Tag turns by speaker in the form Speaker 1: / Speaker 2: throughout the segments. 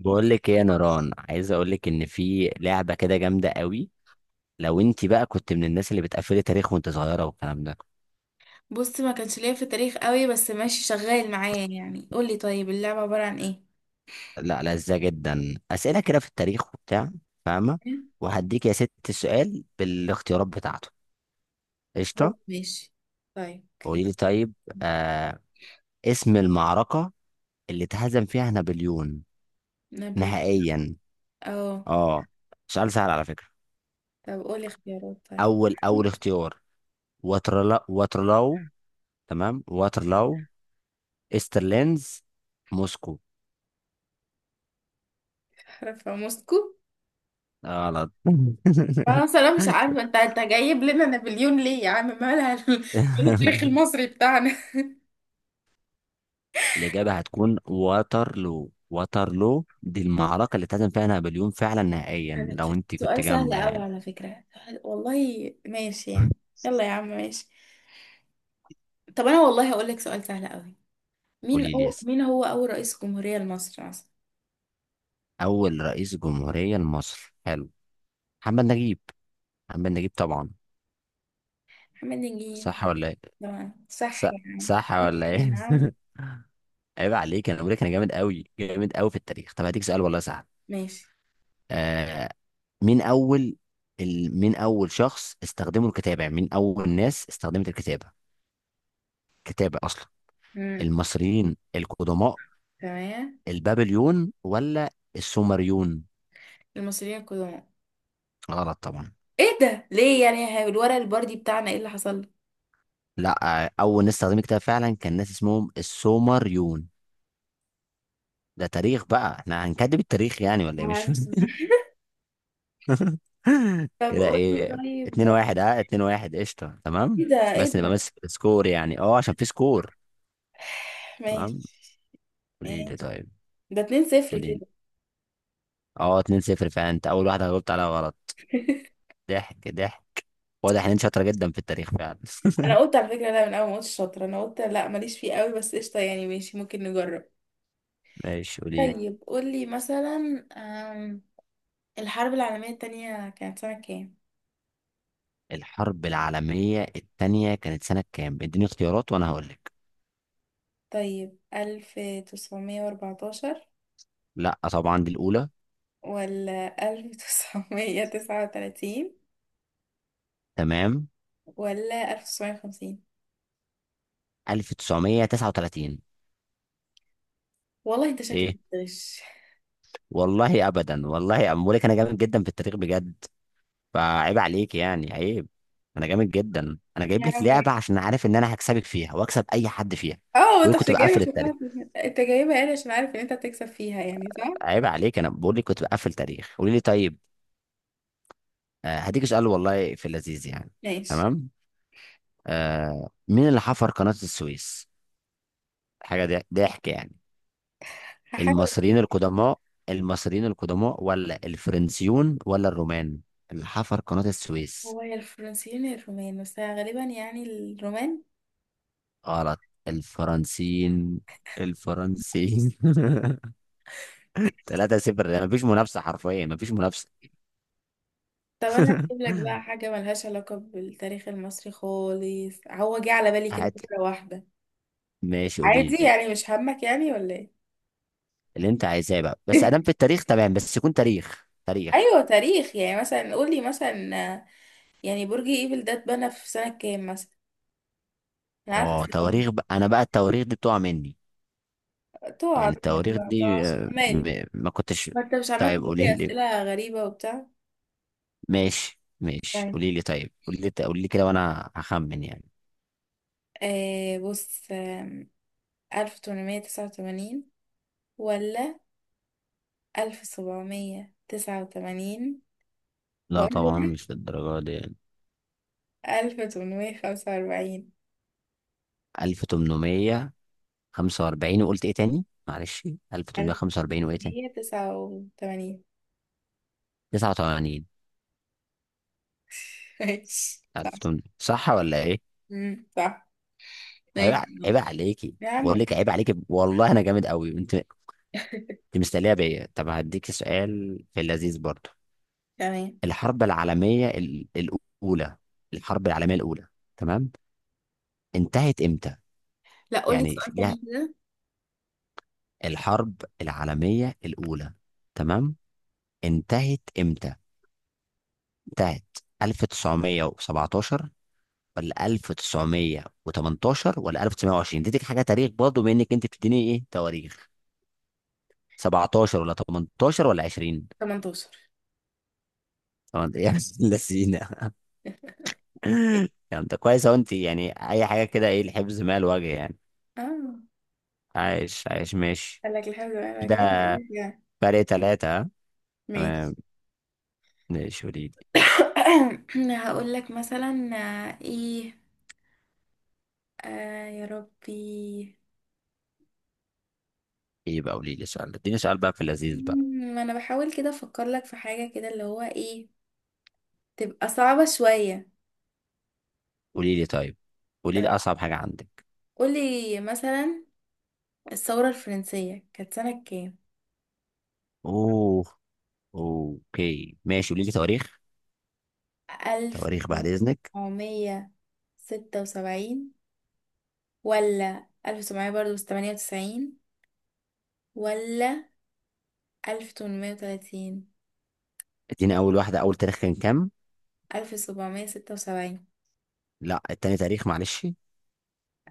Speaker 1: بقول لك ايه يا نوران؟ عايز اقول لك ان في لعبه كده جامده قوي. لو انت بقى كنت من الناس اللي بتقفلي تاريخ وانت صغيره والكلام ده.
Speaker 2: بص، ما كانش ليا في التاريخ قوي، بس ماشي شغال معايا. يعني قولي، طيب اللعبة عبارة عن ايه؟
Speaker 1: لا، لذة جدا اسئله كده في التاريخ وبتاع، فاهمه؟
Speaker 2: إيه؟
Speaker 1: وهديك يا ست السؤال بالاختيارات بتاعته.
Speaker 2: خلاص
Speaker 1: قشطه.
Speaker 2: ماشي. طيب اوكي.
Speaker 1: قولي لي طيب. آه، اسم المعركه اللي اتهزم فيها نابليون
Speaker 2: نابل.
Speaker 1: نهائيا.
Speaker 2: اه.
Speaker 1: اه، سؤال سهل على فكره.
Speaker 2: طب قولي اختيارات طيب.
Speaker 1: اول اختيار، واترلاو. تمام، واترلاو. استرلينز. موسكو.
Speaker 2: احرفها موسكو.
Speaker 1: غلط.
Speaker 2: فرنسا؟ لا مش عارفة، انت جايب لنا نابليون ليه يا عم؟ مالها؟ مال التاريخ المصري بتاعنا.
Speaker 1: الإجابة هتكون واترلو. واترلو دي المعركة اللي اتهزم فيها نابليون فعلا نهائيا، لو أنت كنت
Speaker 2: سؤال
Speaker 1: جامدة
Speaker 2: سهل قوي
Speaker 1: يعني.
Speaker 2: على فكرة. والله ماشي يعني. يلا يا عم ماشي. طب انا والله هقول لك سؤال سهل قوي.
Speaker 1: قولي لي يس.
Speaker 2: مين هو اول رئيس جمهورية لمصر اصلا؟
Speaker 1: أول رئيس جمهورية لمصر، حلو. محمد نجيب. محمد نجيب طبعا.
Speaker 2: محمد نجيب.
Speaker 1: صح ولا إيه؟
Speaker 2: طبعا
Speaker 1: ص-
Speaker 2: صح يعني.
Speaker 1: صح ولا
Speaker 2: صح
Speaker 1: إيه؟
Speaker 2: يا عم.
Speaker 1: عيب عليك، أنا بقول لك أنا جامد أوي، جامد أوي في التاريخ. طب هديك سؤال والله سهل.
Speaker 2: ماشي.
Speaker 1: آه، مين أول، شخص استخدموا الكتابة، يعني مين أول ناس استخدمت الكتابة، كتابة أصلا؟
Speaker 2: امم
Speaker 1: المصريين القدماء،
Speaker 2: تمام.
Speaker 1: البابليون ولا السومريون؟
Speaker 2: المصريين القدماء.
Speaker 1: غلط طبعا.
Speaker 2: ايه ده ليه يعني يا هاي؟ الورق البردي بتاعنا ايه اللي حصل لك؟
Speaker 1: لا آه، أول ناس استخدمت كتاب فعلا كان ناس اسمهم السومريون. ده تاريخ بقى، احنا هنكذب التاريخ يعني ولا ايه؟ مش
Speaker 2: عارفة.
Speaker 1: فاهم.
Speaker 2: طب
Speaker 1: كده ايه.
Speaker 2: قولي. طيب.
Speaker 1: 2-1، اه، 2-1، قشطة، تمام.
Speaker 2: ايه ده؟ ايه
Speaker 1: بس نبقى
Speaker 2: ده؟
Speaker 1: ماسك السكور يعني، اه، عشان في سكور.
Speaker 2: ماشي
Speaker 1: تمام. قولي لي
Speaker 2: ماشي.
Speaker 1: طيب.
Speaker 2: ده 2 صفر
Speaker 1: قولي لي.
Speaker 2: كده.
Speaker 1: اه 2-0 فعلا. انت أول واحدة جاوبت عليها غلط. ضحك ضحك. واضح ان انت شاطرة جدا في التاريخ فعلا.
Speaker 2: انا قلت على فكره، لا من اول ما قلت شاطره انا قلت لا، ماليش فيه قوي، بس قشطه يعني، ماشي ممكن نجرب.
Speaker 1: ماشي، قولي لي.
Speaker 2: طيب قولي مثلا، الحرب العالميه التانية كانت سنه كام؟
Speaker 1: الحرب العالمية التانية كانت سنة كام؟ اديني اختيارات وانا هقول لك.
Speaker 2: طيب 1914،
Speaker 1: لا طبعا، دي الاولى.
Speaker 2: ولا 1939،
Speaker 1: تمام.
Speaker 2: ولا 1950؟
Speaker 1: 1939.
Speaker 2: والله انت شكلك
Speaker 1: ايه؟
Speaker 2: بتغش.
Speaker 1: والله ابدا، والله بقول لك انا جامد جدا في التاريخ بجد. فعيب عليك، يعني عيب. انا جامد جدا. انا
Speaker 2: يا
Speaker 1: جايب لك
Speaker 2: عم
Speaker 1: لعبة عشان عارف ان انا هكسبك فيها واكسب اي حد فيها.
Speaker 2: اه،
Speaker 1: بقول
Speaker 2: انت
Speaker 1: لك
Speaker 2: مش
Speaker 1: كنت
Speaker 2: جايبه،
Speaker 1: بقفل
Speaker 2: مش
Speaker 1: التاريخ.
Speaker 2: هتعرف. انت جايبه يعني عشان عارف ان انت هتكسب فيها، يعني صح؟
Speaker 1: عيب عليك، انا بقول لك كنت بقفل تاريخ. قولي لي طيب. آه، هديك سؤال والله في اللذيذ يعني.
Speaker 2: ماشي.
Speaker 1: تمام. آه، مين اللي حفر قناة السويس؟ حاجة ضحك يعني.
Speaker 2: هحاول
Speaker 1: المصريين
Speaker 2: افتكر.
Speaker 1: القدماء، المصريين القدماء ولا الفرنسيون ولا الرومان، اللي حفر قناة السويس؟
Speaker 2: هو يا الفرنسيين يا الرومان، بس غالبا يعني الرومان.
Speaker 1: غلط. الفرنسيين. الفرنسيين. 3-0، يعني مفيش منافسة، حرفيا مفيش منافسة.
Speaker 2: طب انا هجيب لك بقى حاجه ملهاش علاقه بالتاريخ المصري خالص. هو جه على بالي كده
Speaker 1: هات.
Speaker 2: فكره واحده.
Speaker 1: ماشي، قولي
Speaker 2: عادي
Speaker 1: لي.
Speaker 2: يعني، مش همك يعني ولا ايه؟
Speaker 1: اللي انت عايزاه بقى، بس ادام في التاريخ. تمام، بس يكون تاريخ تاريخ.
Speaker 2: ايوه تاريخ يعني. مثلا قولي مثلا، يعني برج ايفل ده اتبنى في سنة كام مثلا؟ انا عارفة
Speaker 1: اه،
Speaker 2: السؤال.
Speaker 1: تواريخ بقى. انا بقى التواريخ دي بتقع مني.
Speaker 2: ده تقع
Speaker 1: يعني
Speaker 2: منك
Speaker 1: التواريخ
Speaker 2: بقى، تقع
Speaker 1: دي،
Speaker 2: عشان أنا مالي.
Speaker 1: ما كنتش.
Speaker 2: ما انت مش عمال
Speaker 1: طيب
Speaker 2: تقول
Speaker 1: قولي
Speaker 2: لي
Speaker 1: لي.
Speaker 2: اسئلة غريبة وبتاع.
Speaker 1: ماشي ماشي،
Speaker 2: طيب.
Speaker 1: قولي لي طيب، قولي لي قولي لي كده وانا هخمن يعني.
Speaker 2: آه بص، 1889، ولا 1789،
Speaker 1: لا
Speaker 2: ولا
Speaker 1: طبعا، مش للدرجه دي.
Speaker 2: 1845؟
Speaker 1: 1845. وقلت ايه تاني؟ معلش،
Speaker 2: ألف
Speaker 1: 1845 وايه تاني؟
Speaker 2: تمنمية تسعة وتمانين
Speaker 1: 89؟
Speaker 2: ماشي صح.
Speaker 1: 1800، صح ولا ايه؟
Speaker 2: مم، صح.
Speaker 1: عيب
Speaker 2: ماشي
Speaker 1: عيب عليكي.
Speaker 2: يا عم
Speaker 1: بقول لك
Speaker 2: ماشي.
Speaker 1: عيب عليكي والله. انا جامد قوي، انت انت مستنيه بيا. طب هديك سؤال في اللذيذ برضه.
Speaker 2: تمام.
Speaker 1: الحرب العالميه الاولى. الحرب العالميه الاولى. تمام. انتهت امتى؟
Speaker 2: لا قولي
Speaker 1: يعني
Speaker 2: سؤال تاني كده.
Speaker 1: الحرب العالمية الأولى، تمام، انتهت إمتى؟ انتهت 1917 ولا 1918 ولا 1920؟ اديتك حاجة تاريخ برضه بما إنك أنت بتديني إيه تواريخ. 17 ولا 18 ولا 20؟
Speaker 2: 18.
Speaker 1: طبعا. يا ابن اللذينة. يعني أنت كويس أهو. أنت يعني أي حاجة كده، إيه الحفظ ما الوجه يعني.
Speaker 2: اه.
Speaker 1: عايش، عايش، ماشي
Speaker 2: قال لك لحد ما
Speaker 1: كده.
Speaker 2: رجعت.
Speaker 1: فرق تلاتة، ها؟
Speaker 2: ماشي.
Speaker 1: تمام. ماشي، قولي لي.
Speaker 2: هقول لك مثلا، ايه. آه يا ربي.
Speaker 1: إيه بقى؟ قولي لي سؤال، اديني سؤال بقى في اللذيذ بقى.
Speaker 2: ما انا بحاول كده افكر لك في حاجة كده، اللي هو ايه. تبقى صعبة شوية.
Speaker 1: قولي لي طيب، قولي لي
Speaker 2: طب
Speaker 1: اصعب حاجه عندك.
Speaker 2: قولي مثلا، الثورة الفرنسية كانت سنة كام؟
Speaker 1: اوه، اوكي، ماشي، قولي لي تواريخ.
Speaker 2: ألف
Speaker 1: تواريخ بعد اذنك.
Speaker 2: تسعمية ستة وسبعين ولا ألف وسبعمية برضه تمانية وتسعين، ولا 1830؟
Speaker 1: اديني اول واحده، اول تاريخ كان كام؟
Speaker 2: 1776.
Speaker 1: لا، التاني تاريخ معلش.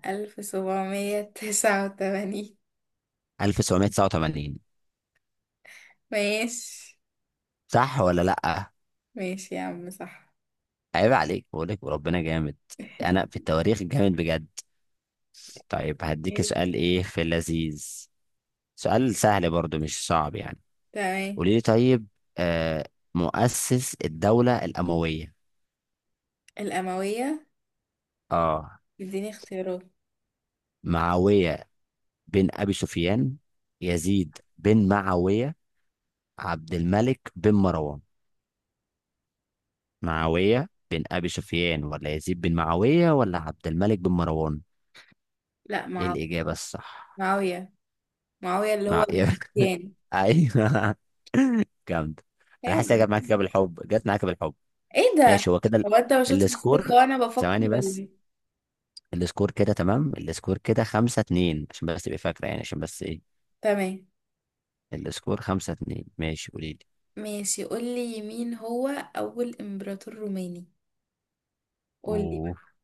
Speaker 2: 1789.
Speaker 1: 1989.
Speaker 2: ماشي
Speaker 1: صح ولا لا؟
Speaker 2: ماشي يا عم صح.
Speaker 1: عيب عليك، بقول لك وربنا جامد. انا في التواريخ جامد بجد. طيب هديك
Speaker 2: ماشي
Speaker 1: سؤال ايه في اللذيذ. سؤال سهل برضو، مش صعب يعني.
Speaker 2: تمام.
Speaker 1: قولي لي طيب. آه، مؤسس الدوله الامويه.
Speaker 2: الأموية.
Speaker 1: اه،
Speaker 2: اديني اختيارات.
Speaker 1: معاويه بن أبي سفيان، يزيد بن معاوية، عبد الملك بن مروان. معاوية بن أبي سفيان ولا يزيد بن معاوية ولا عبد الملك بن مروان؟
Speaker 2: لا
Speaker 1: إيه
Speaker 2: مع...
Speaker 1: الإجابة الصح؟
Speaker 2: معاوية. معاوية اللي هو
Speaker 1: مع...
Speaker 2: المسيان.
Speaker 1: أيوه، جامد. أنا
Speaker 2: ايوه.
Speaker 1: حاسس إنها جت معاك كده بالحب، جت معاك بالحب.
Speaker 2: ايه
Speaker 1: ماشي،
Speaker 2: ده؟
Speaker 1: هو كده.
Speaker 2: هو انت ما شفتش الثقة
Speaker 1: السكور،
Speaker 2: وانا بفكر
Speaker 1: ثواني
Speaker 2: ولا
Speaker 1: بس.
Speaker 2: ايه؟
Speaker 1: السكور كده تمام. السكور كده 5-2، عشان بس تبقى فاكرة يعني، عشان بس إيه.
Speaker 2: تمام.
Speaker 1: السكور 5-2. ماشي، قولي لي.
Speaker 2: ماشي قولي. مين هو أول إمبراطور روماني؟ قولي
Speaker 1: أوه.
Speaker 2: بقى.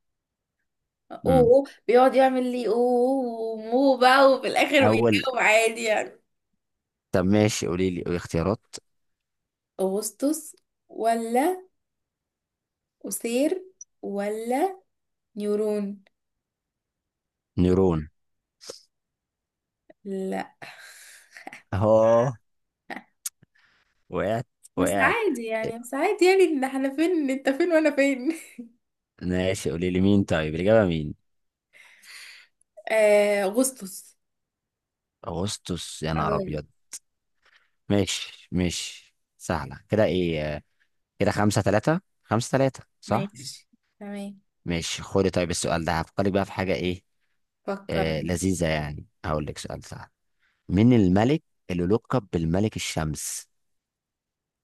Speaker 2: اوه
Speaker 1: أمم.
Speaker 2: أوه، بيقعد يعمل لي اوه أوه، مو بقى، وفي الآخر
Speaker 1: أول.
Speaker 2: بيجاوب عادي يعني.
Speaker 1: طب ماشي، قولي لي اختيارات.
Speaker 2: أغسطس، ولا قصير، ولا نيورون؟
Speaker 1: نيرون.
Speaker 2: لا
Speaker 1: اه، وقعت،
Speaker 2: بس
Speaker 1: وقعت.
Speaker 2: عادي يعني، بس عادي يعني ان احنا فين، انت فين وانا فين.
Speaker 1: ماشي، قولي لي مين طيب الإجابة؟ مين؟
Speaker 2: آه اغسطس.
Speaker 1: أغسطس يا نهار
Speaker 2: أوي.
Speaker 1: أبيض. ماشي ماشي، سهلة كده إيه. كده 5-3. 5-3 صح.
Speaker 2: ماشي تمام.
Speaker 1: ماشي، خدي. طيب السؤال ده هفكرك بقى في حاجة إيه.
Speaker 2: فكر.
Speaker 1: آه، لذيذة يعني. هقول لك سؤال سهل. مين الملك اللي لقب بالملك الشمس؟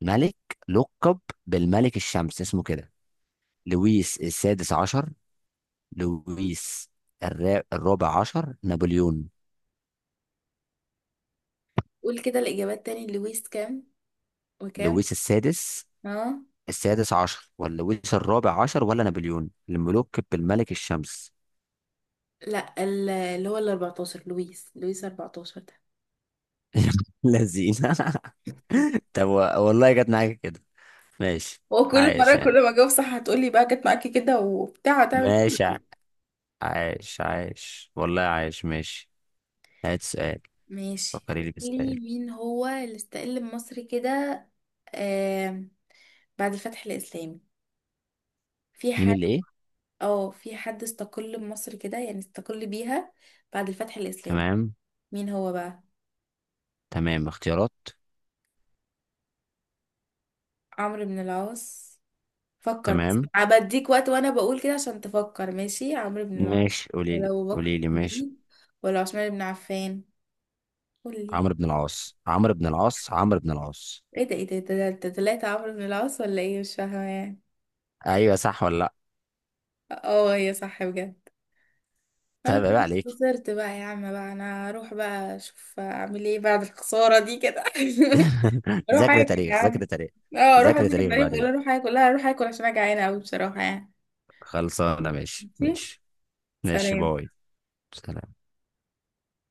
Speaker 1: ملك لقب بالملك الشمس، اسمه كده. لويس السادس عشر، لويس الرابع عشر، نابليون.
Speaker 2: قول كده الاجابات تاني، لويس كام وكام؟
Speaker 1: لويس
Speaker 2: اه.
Speaker 1: السادس عشر ولا لويس الرابع عشر ولا نابليون الملوك بالملك الشمس؟
Speaker 2: لا، اللي هو ال 14، لويس، لويس 14 ده.
Speaker 1: لذينه. طب والله جت معاك كده. ماشي.
Speaker 2: هو كل
Speaker 1: عايش
Speaker 2: مرة
Speaker 1: يعني.
Speaker 2: كل ما اجاوب صح هتقولي بقى جت معاكي كده وبتاع، هتعمل كده.
Speaker 1: ماشي عايش، عايش والله، عايش ماشي. هات سؤال،
Speaker 2: ماشي
Speaker 1: فكري لي
Speaker 2: قولي.
Speaker 1: بسؤال.
Speaker 2: مين هو اللي استقل بمصر كده، آه، بعد الفتح الإسلامي؟ في
Speaker 1: مين
Speaker 2: حد؟
Speaker 1: اللي ايه؟
Speaker 2: اه في حد استقل بمصر كده يعني، استقل بيها بعد الفتح الإسلامي.
Speaker 1: تمام.
Speaker 2: مين هو بقى؟
Speaker 1: تمام اختيارات.
Speaker 2: عمرو بن العاص. فكر بس.
Speaker 1: تمام.
Speaker 2: بديك وقت وانا بقول كده عشان تفكر. ماشي، عمرو بن العاص،
Speaker 1: ماشي قولي
Speaker 2: ولا
Speaker 1: لي
Speaker 2: ابو بكر
Speaker 1: قولي لي ماشي.
Speaker 2: الصديق، ولا عثمان بن عفان؟ قولي.
Speaker 1: عمرو بن العاص، عمرو بن العاص، عمرو بن العاص.
Speaker 2: ايه ده؟ ايه ده؟ ده طلعت عمرو بن العاص ولا ايه؟ مش فاهمه يعني.
Speaker 1: ايوه، صح ولا لا؟
Speaker 2: اه هي صح بجد. انا
Speaker 1: طيب عيب عليك.
Speaker 2: خلاص خسرت بقى يا عم بقى. انا هروح بقى اشوف اعمل ايه بعد الخساره دي كده. روح
Speaker 1: ذاكر
Speaker 2: اكل يا
Speaker 1: تاريخ، ذاكر
Speaker 2: عم.
Speaker 1: تاريخ.
Speaker 2: اه اروح
Speaker 1: ذاكر
Speaker 2: اذاكر في
Speaker 1: تاريخ
Speaker 2: العيد ولا
Speaker 1: بعدين.
Speaker 2: اروح اكل؟ لا اروح اكل عشان انا جعانه قوي بصراحه يعني.
Speaker 1: خلصانه، ماشي
Speaker 2: ماشي.
Speaker 1: ماشي. ماشي،
Speaker 2: سلام.
Speaker 1: باي، سلام.